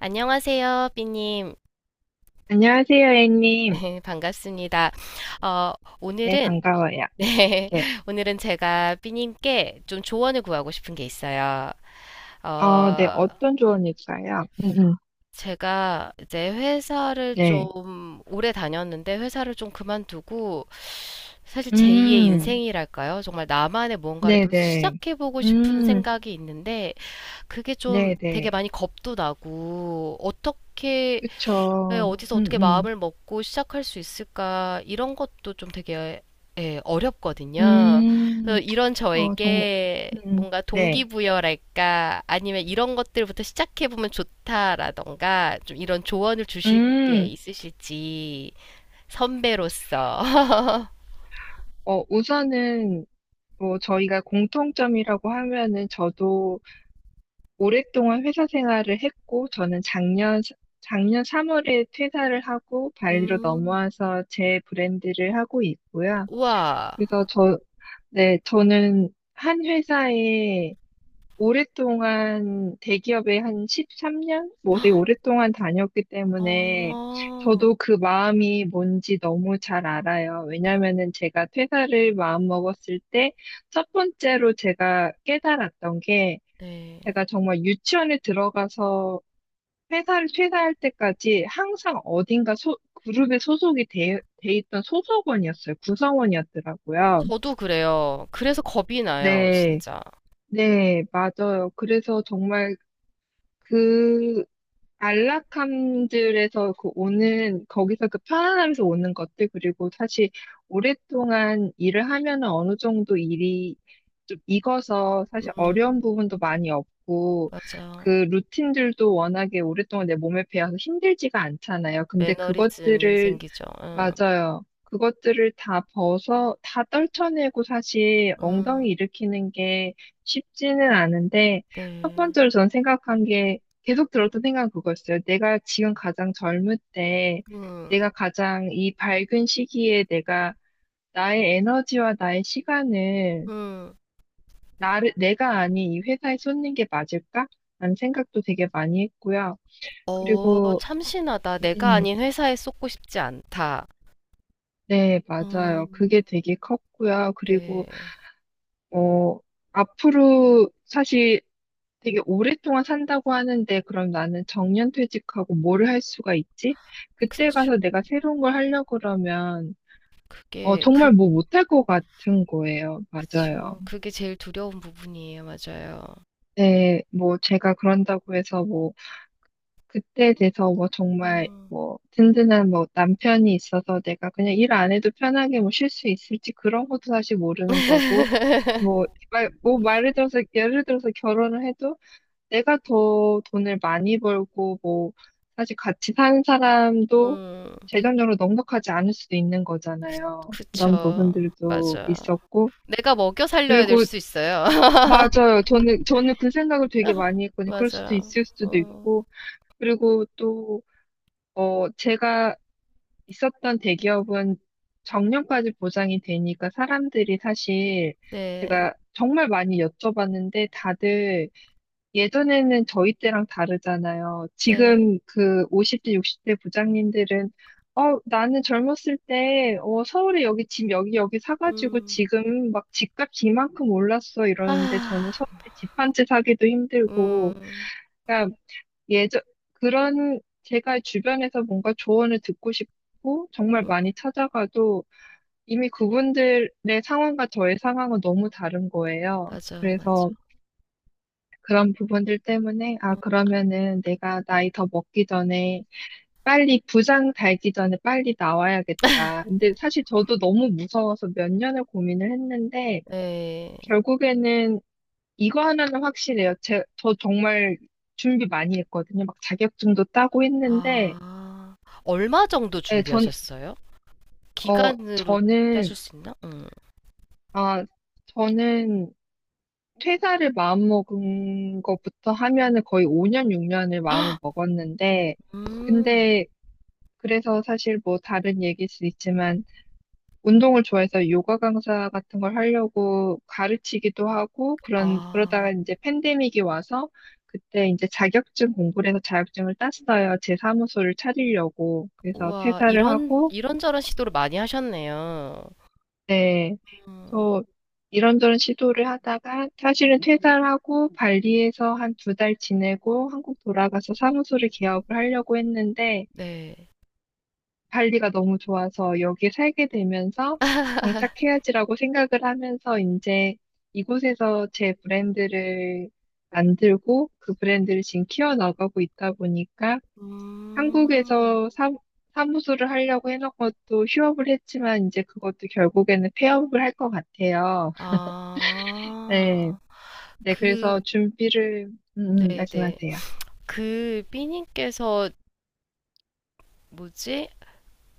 안녕하세요, 삐님. 안녕하세요, A님. 반갑습니다. 어, 네, 오늘은, 반가워요. 네, 네. 오늘은 제가 삐님께 좀 조언을 구하고 싶은 게 있어요. 네, 어, 어떤 조언일까요? 제가 이제 회사를 네. 좀 오래 다녔는데 회사를 좀 그만두고 사실 제2의 음, 인생이랄까요? 정말 나만의 뭔가를 또 네네. 시작해보고 싶은 음, 생각이 있는데 그게 좀 되게 네네. 많이 겁도 나고 어떻게 예, 그쵸. 어디서 음, 어떻게 음, 마음을 먹고 시작할 수 있을까, 이런 것도 좀 되게, 예, 어렵거든요. 그래서 음, 이런 정말, 저에게 음, 뭔가 네. 동기부여랄까, 아니면 이런 것들부터 시작해보면 좋다라던가, 좀 이런 조언을 주실 게 음, 있으실지, 선배로서. 우선은, 뭐, 저희가 공통점이라고 하면은 저도 오랫동안 회사 생활을 했고, 저는 작년 3월에 퇴사를 하고, 발리로 음, 넘어와서 제 브랜드를 하고 있고요. 우와. 그래서 저, 네, 저는 한 회사에 오랫동안 대기업에 한 13년? 뭐 되게 오랫동안 다녔기 때문에 어, 저도 그 마음이 뭔지 너무 잘 알아요. 왜냐면은 제가 퇴사를 마음먹었을 때 첫 번째로 제가 깨달았던 게 네. 제가 정말 유치원에 들어가서 회사를 퇴사할 때까지 항상 그룹에 소속이 돼 있던 소속원이었어요. 구성원이었더라고요. 저도 그래요. 그래서 겁이 나요, 네, 진짜. 네, 맞아요. 그래서 정말 그 안락함들에서 그 오는, 거기서 그 편안함에서 오는 것들, 그리고 사실 오랫동안 일을 하면은 어느 정도 일이 좀 익어서 사실 어려운 음, 부분도 많이 없고, 그 맞아요. 루틴들도 워낙에 오랫동안 내 몸에 배어서 힘들지가 않잖아요. 근데 매너리즘이 그것들을 생기죠. 응. 맞아요. 그것들을 다 떨쳐내고 사실 음, 엉덩이 일으키는 게 쉽지는 않은데, 첫 네. 번째로 전 생각한 게, 계속 들었던 생각은 그거였어요. 내가 지금 가장 젊을 때, 음, 내가 가장 이 밝은 시기에 내가 나의 에너지와 음. 내가 아닌 이 회사에 쏟는 게 맞을까? 라는 생각도 되게 많이 했고요. 어, 그리고, 참신하다. 내가 음, 아닌 회사에 쏟고 싶지 않다. 네, 맞아요. 음, 그게 되게 컸고요. 네. 어, 앞으로 사실 되게 오랫동안 산다고 하는데, 그럼 나는 정년퇴직하고 뭐를 할 수가 있지? 그때 그쵸. 가서 내가 새로운 걸 하려고 그러면, 그게, 정말 그, 뭐 못할 것 같은 거예요. 맞아요. 그쵸. 그게 제일 두려운 부분이에요. 맞아요. 네, 뭐 제가 그런다고 해서 뭐, 그때 돼서 뭐 정말 음, 뭐 든든한 뭐 남편이 있어서 내가 그냥 일 안 해도 편하게 뭐 쉴 수 있을지 그런 것도 사실 모르는 거고, 뭐, 뭐 말을 들어서, 예를 들어서 결혼을 해도 내가 더 돈을 많이 벌고, 뭐, 사실 같이 사는 사람도 음, 재정적으로 넉넉하지 않을 수도 있는 거잖아요. 그런 그쵸. 부분들도 맞아. 있었고. 내가 먹여 살려야 될 그리고, 수 있어요. 맞아요. 저는 그 생각을 되게 많이 했거든요. 그럴 수도 맞아요. 있을 수도 어, 있고. 그리고 또, 제가 있었던 대기업은 정년까지 보장이 되니까 사람들이 사실 네. 제가 정말 많이 여쭤봤는데 다들 예전에는 저희 때랑 다르잖아요. 네. 지금 그 50대, 60대 부장님들은, 어, 나는 젊었을 때, 어, 서울에 여기 집 여기 여기 사가지고 음, 지금 막 집값 이만큼 올랐어 이러는데 저는 아, 서울에 집 한 채 사기도 힘들고, 음, 그러니까 예전, 그런 제가 주변에서 뭔가 조언을 듣고 싶고 정말 음, 많이 찾아가도 이미 그분들의 상황과 저의 상황은 너무 다른 거예요. 맞아. 맞아. 그래서 그런 부분들 때문에, 아, 음, 그러면은 내가 나이 더 먹기 전에 빨리 부장 달기 전에 빨리 나와야겠다. 근데 사실 저도 너무 무서워서 몇 년을 고민을 했는데, 네. 결국에는 이거 하나는 확실해요. 저 정말 준비 많이 했거든요. 막 자격증도 따고 했는데, 아, 얼마 정도 예, 전, 준비하셨어요? 어, 기간으로 따질 저는, 수 있나? 아, 저는 퇴사를 마음먹은 것부터 하면은 거의 5년, 6년을 마음을 먹었는데, 음. 근데 그래서 사실 뭐 다른 얘기일 수 있지만 운동을 좋아해서 요가 강사 같은 걸 하려고 가르치기도 하고 그런 아, 그러다가 이제 팬데믹이 와서 그때 이제 자격증 공부를 해서 자격증을 땄어요. 제 사무소를 차리려고. 그래서 우와, 퇴사를 하고 이런저런 시도를 많이 하셨네요. 네. 음, 또 이런저런 시도를 하다가 사실은 퇴사를 하고 발리에서 한 두 달 지내고 한국 돌아가서 사무소를 개업을 하려고 했는데 네. 발리가 너무 좋아서 여기 살게 되면서 정착해야지라고 생각을 하면서 이제 이곳에서 제 브랜드를 만들고 그 브랜드를 지금 키워나가고 있다 보니까 음, 한국에서 사, 사무소를 하려고 해놓은 것도 휴업을 했지만 이제 그것도 결국에는 폐업을 할 것 같아요. 네. 아, 네, 그, 그래서 네네. 말씀하세요. 그, 삐님께서, 뭐지?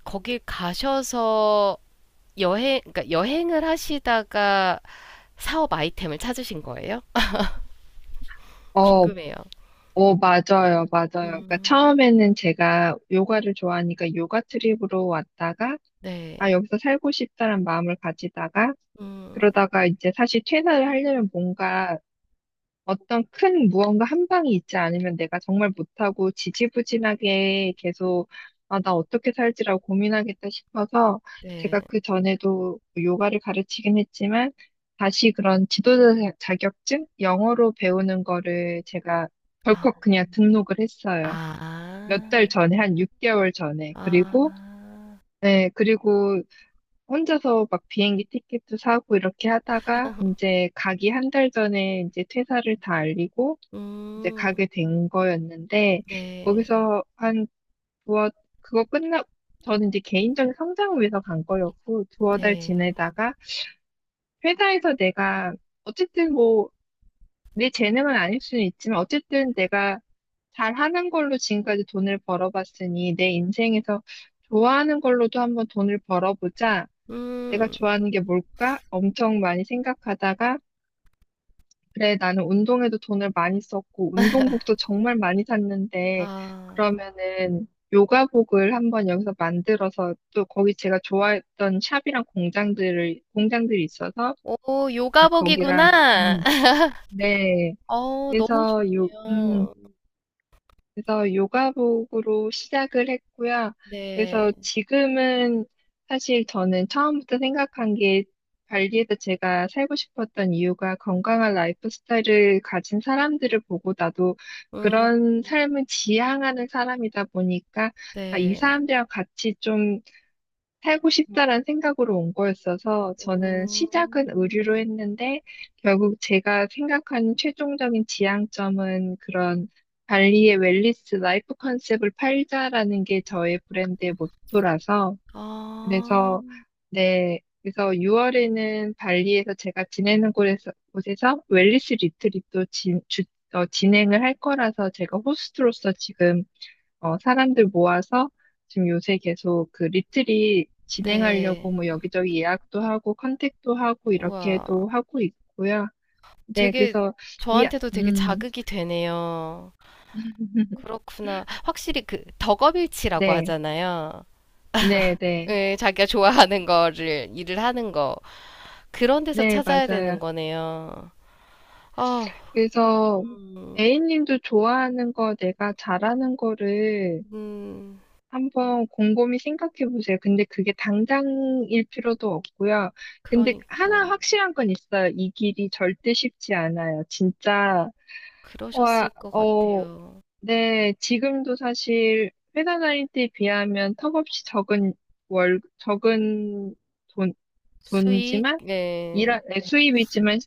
거길 가셔서 여행, 그러니까 여행을 하시다가 사업 아이템을 찾으신 거예요? 어, 궁금해요. 오, 맞아요, 맞아요. 그러니까 음. 처음에는 제가 요가를 좋아하니까 요가 트립으로 왔다가, 네. 아, 여기서 살고 싶다는 마음을 가지다가, 음. 그러다가 이제 사실 퇴사를 하려면 뭔가 어떤 큰 무언가 한 방이 있지 않으면 내가 정말 못하고 지지부진하게 계속 아, 나 어떻게 살지라고 고민하겠다 싶어서 네. 제가 그 전에도 요가를 가르치긴 했지만 다시 그런 자격증? 영어로 배우는 거를 제가 아. 덜컥 그냥 등록을 했어요. 몇 달 아. 전에, 한 6개월 전에. 아. 그리고, 네, 그리고 혼자서 막 비행기 티켓도 사고 이렇게 하다가 이제 가기 한 달 전에 이제 퇴사를 다 알리고 이제 음. 가게 된 거였는데 네. 거기서 한 두어 그거 끝나 저는 이제 개인적인 성장을 위해서 간 거였고 두어 달 네. 지내다가 회사에서 내가 어쨌든 뭐 내 재능은 아닐 수는 있지만 어쨌든 내가 잘하는 걸로 지금까지 돈을 벌어봤으니 내 인생에서 좋아하는 걸로도 한번 돈을 벌어보자. 내가 음. 좋아하는 게 뭘까? 엄청 많이 생각하다가 그래, 나는 운동에도 돈을 많이 썼고, 운동복도 정말 많이 샀는데, 아. 그러면은, 요가복을 한번 여기서 만들어서, 또 거기 제가 좋아했던 샵이랑 공장들이 있어서, 오 네, 거기랑, 요가복이구나. 네. 어 너무 그래서 요, 음, 좋네요. 그래서 요가복으로 시작을 했고요. 네. 그래서 지금은 사실 저는 처음부터 생각한 게 발리에서 제가 살고 싶었던 이유가 건강한 라이프 스타일을 가진 사람들을 보고 나도 음. 그런 삶을 지향하는 사람이다 보니까 아, 이 네. 사람들이랑 같이 좀 살고 싶다라는 생각으로 온 거였어서 저는 시작은 음. 의류로 했는데 결국 제가 생각하는 최종적인 지향점은 그런 발리의 웰니스 라이프 컨셉을 팔자라는 게 저의 브랜드의 모토라서 아. 그래서 네 그래서 6월에는 발리에서 제가 지내는 곳에서 곳에서 웰니스 리트릿도 진행을 할 거라서 제가 호스트로서 지금 사람들 모아서 지금 요새 계속 그 리트릿 네. 진행하려고 뭐 여기저기 예약도 하고 컨택도 하고 우와. 이렇게도 하고 있고요. 네, 되게 그래서 이, 저한테도 되게 음, 자극이 되네요. 그렇구나. 확실히 그 덕업일치라고 네, 하잖아요. 네, 네, 예, 자기가 좋아하는 거를 일을 하는 거 그런 데서 네, 찾아야 맞아요. 되는 거네요. 아, 그래서 음, A님도 좋아하는 거 내가 잘하는 거를 음, 한번 곰곰이 생각해 보세요. 근데 그게 당장일 필요도 없고요. 근데 하나 그러니까 확실한 건 있어요. 이 길이 절대 쉽지 않아요. 진짜 그러셨을 와, 것 어, 같아요. 네, 지금도 사실 회사 다닐 때에 비하면 턱없이 적은 돈, 수익, 돈이지만, 네, 네, 수입이지만,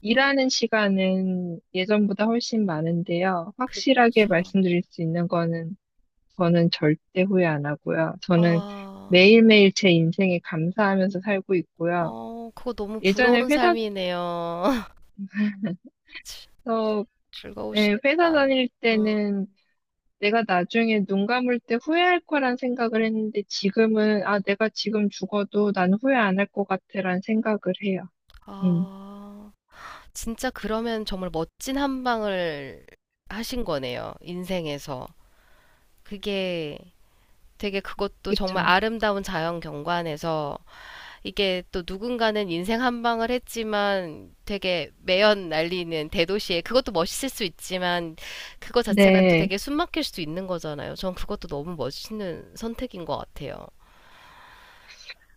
일하는 시간은 예전보다 훨씬 많은데요. 확실하게 그쵸. 말씀드릴 수 있는 거는, 저는 절대 후회 안 하고요. 저는 아, 매일매일 제 인생에 감사하면서 살고 있고요. 그거 너무 부러운 예전에 삶이네요. 즐- 회사에서, 예, 회사 즐거우시겠다. 다닐 음, 때는 내가 나중에 눈 감을 때 후회할 거란 생각을 했는데 지금은, 아, 내가 지금 죽어도 난 후회 안 할 것 같아란 생각을 해요. 음, 아. 진짜 그러면 정말 멋진 한 방을 하신 거네요. 인생에서. 그게 되게 그것도 그쵸. 정말 아름다운 자연 경관에서 이게 또 누군가는 인생 한 방을 했지만 되게 매연 날리는 대도시에 그것도 멋있을 수 있지만 그거 자체가 또 네, 되게 숨막힐 수도 있는 거잖아요. 전 그것도 너무 멋있는 선택인 것 같아요.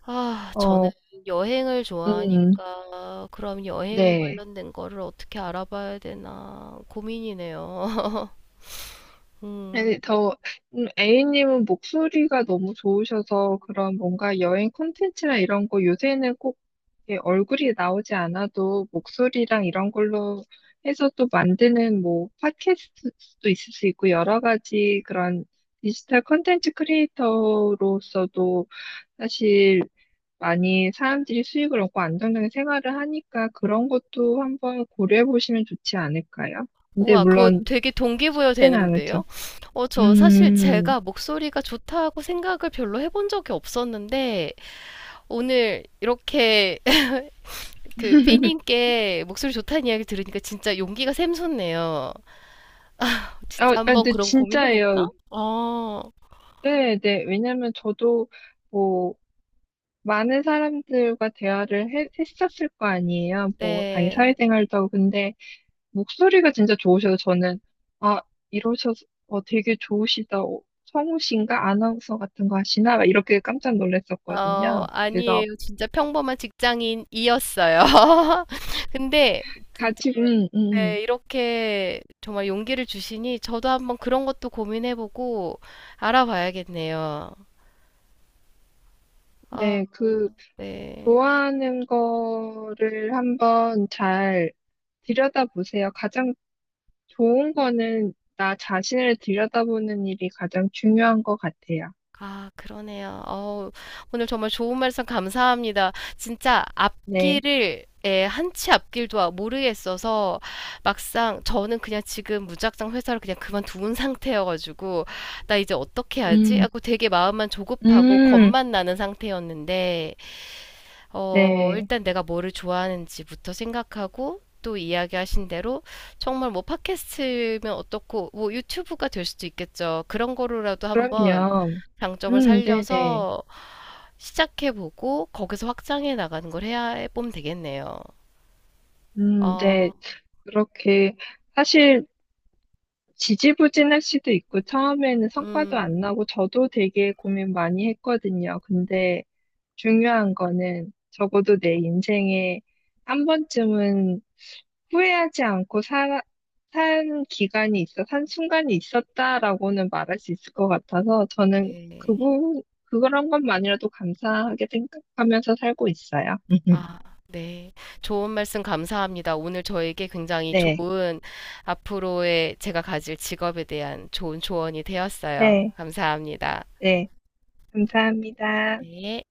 아, 저는 어, 여행을 음, 좋아하니까 그럼 여행 네. 관련된 거를 어떻게 알아봐야 되나 고민이네요. 음. 아니, 더, A님은 목소리가 너무 좋으셔서 그런 뭔가 여행 콘텐츠나 이런 거 요새는 꼭 이렇게 얼굴이 나오지 않아도 목소리랑 이런 걸로 해서 또 만드는 뭐 팟캐스트도 있을 수 있고 여러 가지 그런 디지털 콘텐츠 크리에이터로서도 사실 많이 사람들이 수익을 얻고 안정적인 생활을 하니까 그런 것도 한번 고려해 보시면 좋지 않을까요? 근데 우와, 그거 물론 되게 동기부여 쉽지는 않죠. 되는데요? 저 사실 음. 제가 목소리가 좋다고 생각을 별로 해본 적이 없었는데 오늘 이렇게 그 삐님께 목소리 좋다는 이야기 들으니까 진짜 용기가 샘솟네요. 아, 진짜 한번 근데 그런 고민해볼까? 진짜예요. 어, 네, 네. 왜냐면 저도 뭐 많은 사람들과 대화를 했었을 거 아니에요. 뭐 당연히 네. 사회생활도 하고 근데 목소리가 진짜 좋으셔서 저는 아 이러셔서 되게 좋으시다. 성우신가 아나운서 같은 거 하시나 막 이렇게 깜짝 놀랐었거든요. 그래서 아니에요. 진짜 평범한 직장인이었어요. 근데 진짜 같이 네, 이렇게 정말 용기를 주시니 저도 한번 그런 것도 고민해보고 알아봐야겠네요. 아, 네, 그 네. 좋아하는 거를 한번 잘 들여다보세요. 가장 좋은 거는 나 자신을 들여다보는 일이 가장 중요한 것 같아요. 아 그러네요. 어우 오늘 정말 좋은 말씀 감사합니다. 진짜 네. 앞길을 예, 한치 앞길도 모르겠어서 막상 저는 그냥 지금 무작정 회사를 그냥 그만두은 상태여가지고 나 이제 어떻게 하지? 음, 하고 되게 마음만 조급하고 음, 겁만 나는 상태였는데 네. 일단 내가 뭐를 좋아하는지부터 생각하고 또 이야기하신 대로 정말 뭐 팟캐스트면 어떻고 뭐 유튜브가 될 수도 있겠죠. 그런 거로라도 한번 그럼요. 장점을 네네. 살려서 시작해보고 거기서 확장해 나가는 걸 해야 해보면 되겠네요. 네. 어, 그렇게, 사실, 지지부진할 수도 있고, 처음에는 성과도 안 음, 나고, 저도 되게 고민 많이 했거든요. 근데, 중요한 거는 적어도 내 인생에 한 번쯤은 후회하지 않고 사, 산 기간이 있어, 산 순간이 있었다라고는 말할 수 있을 것 같아서 저는 네. 그런 것만이라도 감사하게 생각하면서 살고 있어요. 아, 네. 좋은 말씀 감사합니다. 오늘 저에게 굉장히 네, 좋은 앞으로의 제가 가질 직업에 대한 좋은 조언이 되었어요. 네, 감사합니다. 네. 감사합니다. 네.